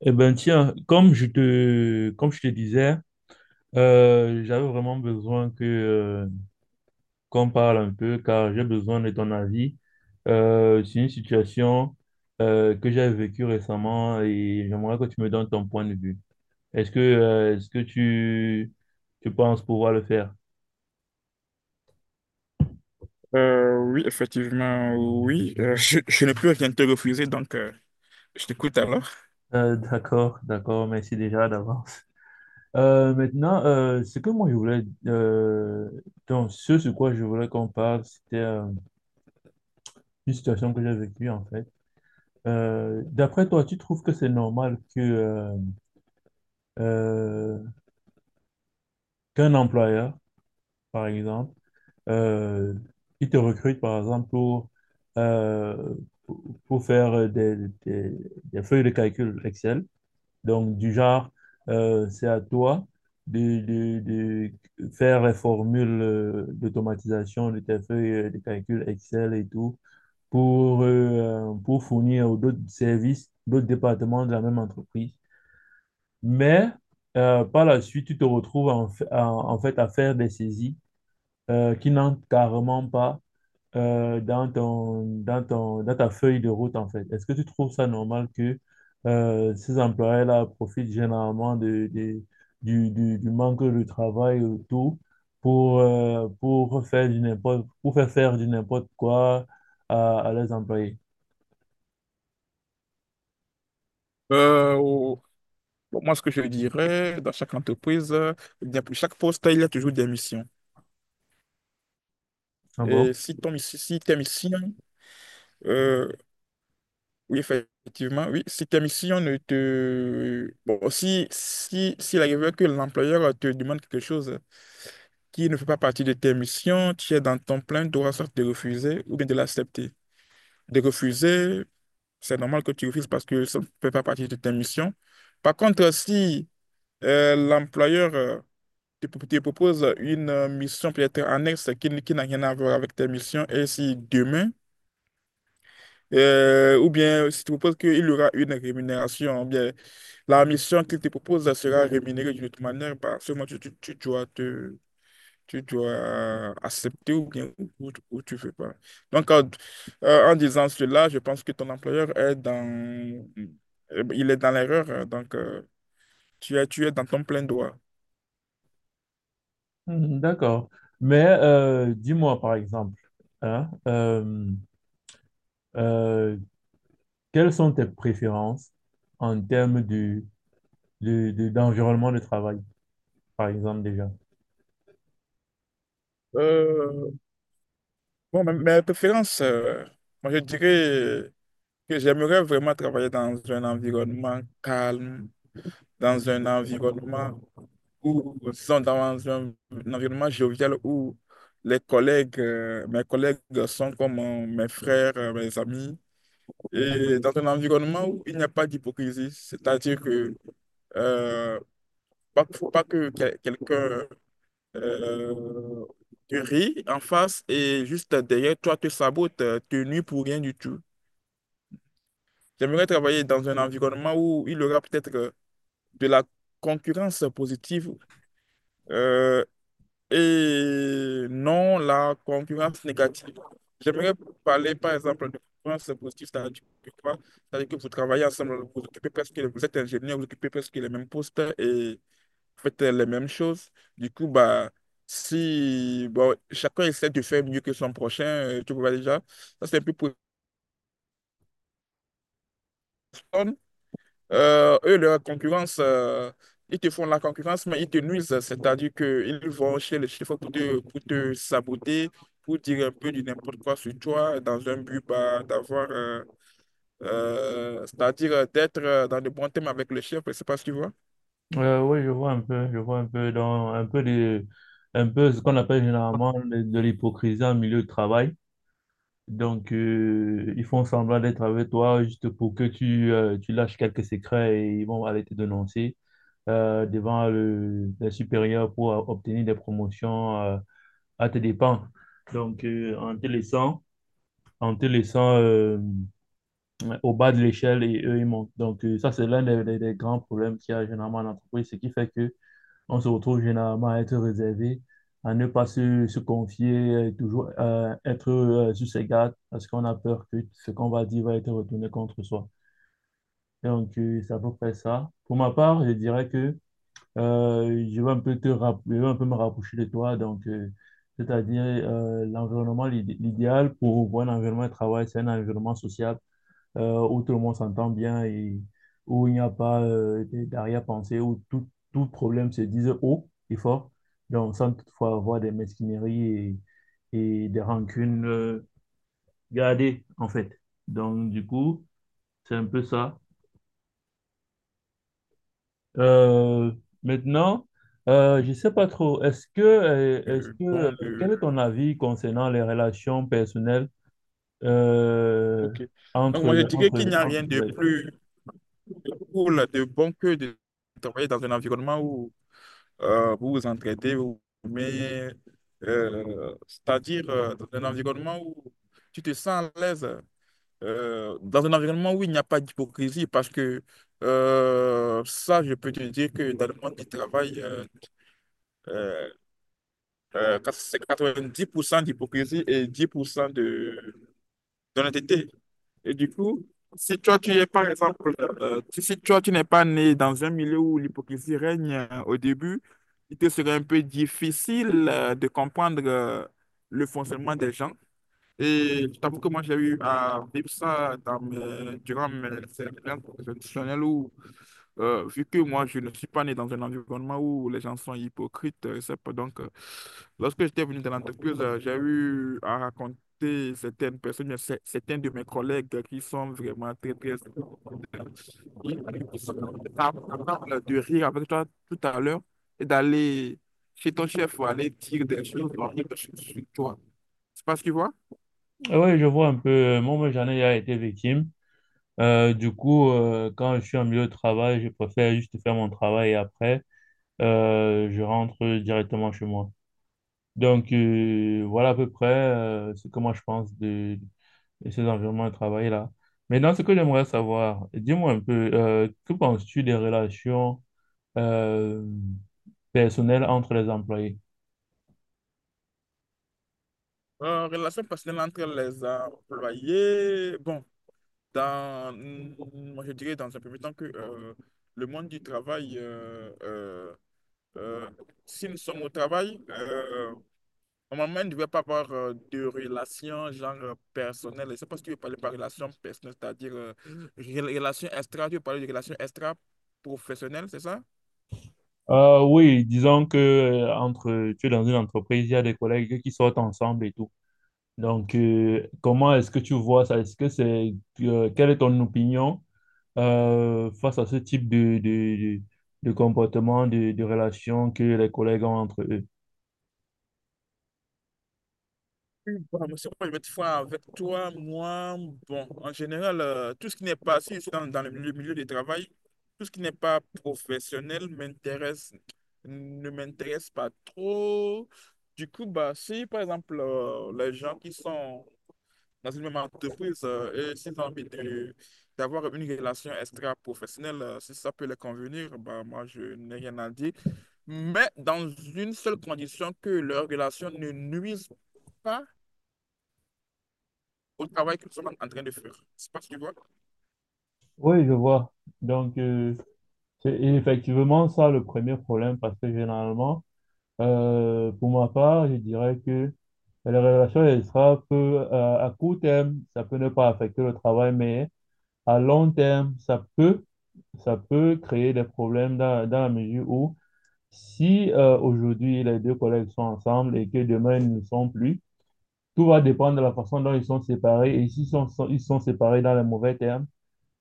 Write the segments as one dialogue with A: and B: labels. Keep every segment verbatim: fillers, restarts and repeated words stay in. A: Eh ben tiens, comme je te, comme je te disais, euh, j'avais vraiment besoin que, euh, qu'on parle un peu car j'ai besoin de ton avis. Euh, c'est une situation euh, que j'ai vécue récemment et j'aimerais que tu me donnes ton point de vue. Est-ce que, euh, est-ce que tu, tu penses pouvoir le faire?
B: Euh, oui, effectivement, oui. Euh, je, je n'ai plus rien te refuser, donc euh, je t'écoute alors.
A: Euh, d'accord, d'accord, merci déjà d'avance. Euh, maintenant, euh, ce que moi je voulais, euh, donc ce sur quoi je voulais qu'on parle, c'était euh, une situation que j'ai vécue en fait. Euh, d'après toi, tu trouves que c'est normal que euh, euh, qu'un employeur, par exemple, euh, il te recrute, par exemple, pour, euh, pour pour faire des, des- des feuilles de calcul Excel, donc du genre, euh, c'est à toi de, de- de faire les formules euh, d'automatisation de tes feuilles euh, de calcul Excel et tout, pour, euh, pour fournir aux d'autres services, d'autres départements de la même entreprise. Mais euh, par la suite, tu te retrouves en, fa- en- en fait à faire des saisies euh, qui n'entrent carrément pas euh, dans ton, dans ton, dans ta feuille de route, en fait. Est-ce que tu trouves ça normal que euh, ces employés-là profitent généralement de, de- du, du, du manque de travail autour pour, euh, pour faire du n'importe, pour faire faire du n'importe quoi à, à leurs employés?
B: Euh, au- pour moi, ce que je dirais, dans chaque entreprise, euh, il y a- pour chaque poste, il y a toujours des missions.
A: Ah
B: Et
A: bon?
B: si, ton, miss- si tes missions, euh, oui, effectivement, oui, si tes missions ne te... Bon, si, si, s'il arrive que l'employeur te demande quelque chose qui ne fait pas partie de tes missions, tu es dans ton plein droit, soit de refuser ou bien de l'accepter. De refuser c'est normal que tu refuses parce que ça ne fait pas partie de tes missions. Par contre, si euh, l'employeur euh, te, pro- te propose une euh, mission peut-être annexe qui, n- qui n'a rien à voir avec tes missions, et si demain, euh, ou bien si tu proposes qu'il y aura une rémunération, ou bien la mission qu'il te propose sera rémunérée d'une autre manière, bah, seulement tu, tu, tu dois te tu dois euh, accepter ou bien ou, ou tu veux pas. Donc, en, euh, en disant cela, je pense que ton employeur est dans, euh, il est dans l'erreur, hein. Donc, euh, tu es, tu es dans ton plein droit.
A: Mhm, d'accord. Mais euh, dis-moi, par exemple, hein, euh, euh, quelles sont tes préférences en termes de, de, de- d'environnement de travail, par exemple, déjà?
B: Euh, bon, mais mes préférences, euh, moi je dirais que j'aimerais vraiment travailler dans un environnement calme, dans un environnement où, sont dans un, un environnement jovial où les collègues, euh, mes collègues sont comme euh, mes frères, euh, mes amis, et dans un environnement où il n'y a pas d'hypocrisie, c'est-à-dire que euh, pas, faut pas que quel- quelqu'un euh, te rit en face et juste derrière toi te sabote, euh, te nuit pour rien du tout. J'aimerais travailler dans un environnement où il y aura peut-être euh, de la concurrence positive euh, et non la concurrence négative. J'aimerais parler par exemple de concurrence positive, c'est-à-dire que quoi? C'est-à-dire que vous travaillez ensemble, vous occupez presque, vous êtes ingénieur, vous occupez presque les mêmes postes et vous faites les mêmes choses. Du coup, bah, si bon, chacun essaie de faire mieux que son prochain, euh, tu vois déjà, ça c'est un peu pour Euh, eux, leur concurrence, euh, ils te font la concurrence, mais ils te nuisent. C'est-à-dire qu'ils vont chez les chiffres pour te, pour te saboter, pour dire un peu du n'importe quoi sur toi, dans un but bah, d'avoir, euh, euh, c'est-à-dire euh, d'être euh, dans de bons thèmes avec le chef, je sais pas si tu vois.
A: Euh, oui, je vois un peu, je vois un peu dans un peu de, un peu ce qu'on appelle généralement de, de l'hypocrisie en milieu de travail. Donc, euh, ils font semblant d'être avec toi juste pour que tu, euh, tu lâches quelques secrets et ils vont aller te dénoncer euh, devant le, les supérieurs pour euh, obtenir des promotions euh, à tes dépens. Donc, euh, en te laissant, en te laissant euh, au bas de l'échelle et eux, ils montent. Donc, euh, ça, c'est l'un des, des- des grands problèmes qu'il y a généralement en entreprise, ce qui fait que on se retrouve généralement à être réservé, à ne pas se, se confier, euh, toujours euh, être euh, sur ses gardes, parce qu'on a peur que ce qu'on va dire va être retourné contre soi. Donc, euh, c'est à peu près ça. Pour ma part, je dirais que Euh, je vais un peu te rapp- je vais un peu me rapprocher de toi. Donc, euh, c'est-à-dire euh, l'environnement, l'id- l'idéal pour voir un environnement de travail, c'est un environnement social euh, où tout le monde s'entend bien et où il n'y a pas euh, des- d'arrière-pensée, où tout, tout problème se dise haut et fort. Donc, sans toutefois avoir des mesquineries et, et des rancunes euh, gardées, en fait. Donc, du coup, c'est un peu ça. Euh, Maintenant, euh, je ne sais pas trop, est-ce que, euh, est-ce
B: Euh,
A: que, euh,
B: bon,
A: quel
B: de...
A: est ton avis concernant les relations personnelles euh,
B: Ok. Donc,
A: entre,
B: moi, je dirais qu'il
A: entre,
B: n'y a rien de
A: entre-
B: plus cool, de bon que de travailler dans un environnement où euh, vous vous entraidez, vous vous aimez, euh, c'est-à-dire euh, dans un environnement où tu te sens à l'aise, euh, dans un environnement où il n'y a pas d'hypocrisie, parce que euh, ça, je peux te dire que dans le monde du travail, euh, euh, euh, c'est quatre-vingt-dix pour cent d'hypocrisie et dix pour cent de d'honnêteté. Et du coup, si toi tu es par exemple, euh, si si toi tu n'es pas né dans un milieu où l'hypocrisie règne euh, au début, il te serait un peu difficile euh, de comprendre euh, le fonctionnement des gens. Et je t'avoue que moi j'ai eu à vivre ça dans mes- durant mes expériences professionnelles où euh, vu que moi, je ne suis pas né dans un environnement où les gens sont hypocrites, euh, c'est pas donc, euh, lorsque j'étais venu dans l'entreprise, euh, j'ai eu à raconter certaines personnes, mais c'est- certains de mes collègues qui sont vraiment très, très... Ils sont capables de rire avec toi tout à l'heure et d'aller chez ton chef ou aller dire des choses horribles sur sur toi. C'est pas ce que tu vois?
A: Oui, je vois un peu, moi, moi, j'en ai déjà été victime. Euh, du coup, euh, quand je suis en milieu de travail, je préfère juste faire mon travail et après, euh, je rentre directement chez moi. Donc, euh, voilà à peu près euh, ce que moi je pense de et ces environnements de travail-là. Maintenant, ce que j'aimerais savoir, dis-moi un peu, euh, que penses-tu des relations euh, personnelles entre les employés?
B: Euh, relation personnelle entre les employés. Bon. Dans, mm, moi, je dirais dans un premier temps que euh, le monde du travail, euh, euh, euh, si nous sommes au travail, euh, normalement, il ne devrait pas avoir euh, de relations genre euh, personnelles. Je ne sais pas si tu veux parler par relation personnelle, c'est-à-dire euh, rela- relation extra, tu veux parler de relation extra professionnelle, c'est ça?
A: Euh, oui, disons que euh, entre, tu es dans une entreprise, il y a des collègues qui sortent ensemble et tout. Donc, euh, comment est-ce que tu vois ça? Est-ce que c'est, euh, quelle est ton opinion euh, face à ce type de, de, de, de comportement, de, de relation que les collègues ont entre eux?
B: Bon, monsieur, moi, je vais être franc avec toi. Moi, bon, en général, euh, tout ce qui n'est pas, si je suis dans, dans le milieu, milieu du travail, tout ce qui n'est pas professionnel m'intéresse, ne m'intéresse pas trop. Du coup, bah, si par exemple, euh, les gens qui sont dans une même entreprise euh, et s'ils ont envie de- d'avoir une relation extra-professionnelle, euh, si ça peut les convenir, bah, moi, je n'ai rien à dire. Mais dans une seule condition, que leur relation ne nuise pas au travail que nous sommes en train de faire. C'est parce que, tu vois,
A: Oui, je vois. Donc, euh, c'est effectivement ça le premier problème parce que généralement, euh, pour ma part, je dirais que la relation, elle sera peu, euh, à court terme, ça peut ne pas affecter le travail, mais à long terme, ça peut, ça peut créer des problèmes dans, dans la mesure où si euh, aujourd'hui les deux collègues sont ensemble et que demain ils ne le sont plus, tout va dépendre de la façon dont ils sont séparés et s'ils sont, sont- ils sont séparés dans les mauvais termes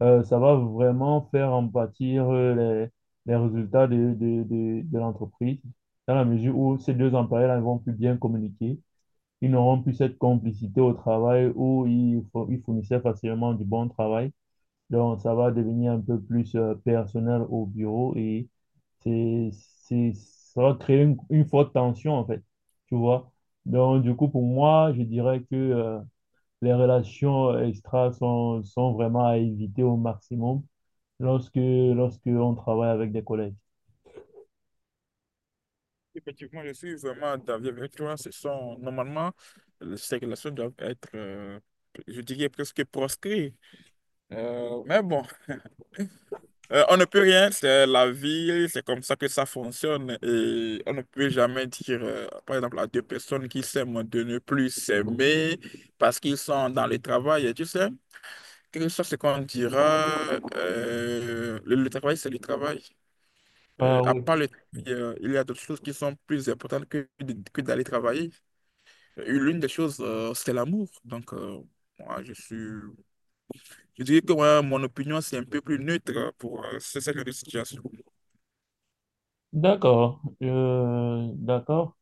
A: euh, ça va vraiment faire en partie euh, les, les résultats de, de, de, de l'entreprise, dans la mesure où ces deux employés-là ne vont plus bien communiquer, ils n'auront plus cette complicité au travail où ils, fo- ils fournissaient facilement du bon travail. Donc, ça va devenir un peu plus euh, personnel au bureau et c'est, c'est, ça va créer une, une forte tension, en fait, tu vois. Donc, du coup, pour moi, je dirais que euh, les relations euh, extra sont, sont vraiment à éviter au maximum lorsque, lorsque on travaille avec des collègues.
B: effectivement, je suis vraiment d'avis avec toi. Ce sont, normalement, ces relations doivent être, euh, je dirais, presque proscrites. Euh, mais bon, euh, on ne peut rien, c'est la vie, c'est comme ça que ça fonctionne. Et on ne peut jamais dire, euh, par exemple, à deux personnes qui s'aiment de ne plus s'aimer parce qu'ils sont dans le travail. Et tu sais, quelque chose soit ce qu'on dira, euh, le le travail, c'est le travail. Euh,
A: Ah
B: à
A: oui,
B: part le travail, euh, il y a d'autres choses qui sont plus importantes que, de- que d'aller travailler. Euh, L'une des choses, euh, c'est l'amour. Donc, euh, moi, je suis, je dirais que ouais, mon opinion, c'est un peu plus neutre euh, pour euh, ce ce genre de situation.
A: d'accord, Euh, d'accord.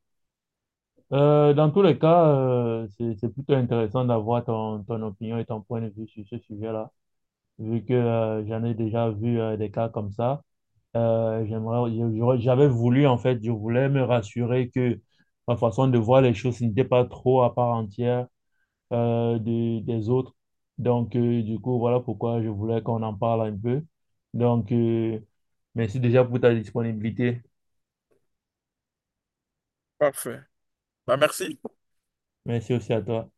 A: Euh, dans tous les cas, euh, c'est, c'est plutôt intéressant d'avoir ton, ton opinion et ton point de vue sur ce sujet-là, vu que euh, j'en ai déjà vu euh, des cas comme ça. Euh, j'aimerais, j'aurais- j'avais voulu, en fait, je voulais me rassurer que ma façon de voir les choses n'était pas trop à part entière euh, de- des autres. Donc, euh, du coup, voilà pourquoi je voulais qu'on en parle un peu. Donc, euh, merci déjà pour ta disponibilité.
B: Parfait. Bah, merci.
A: Merci aussi à toi.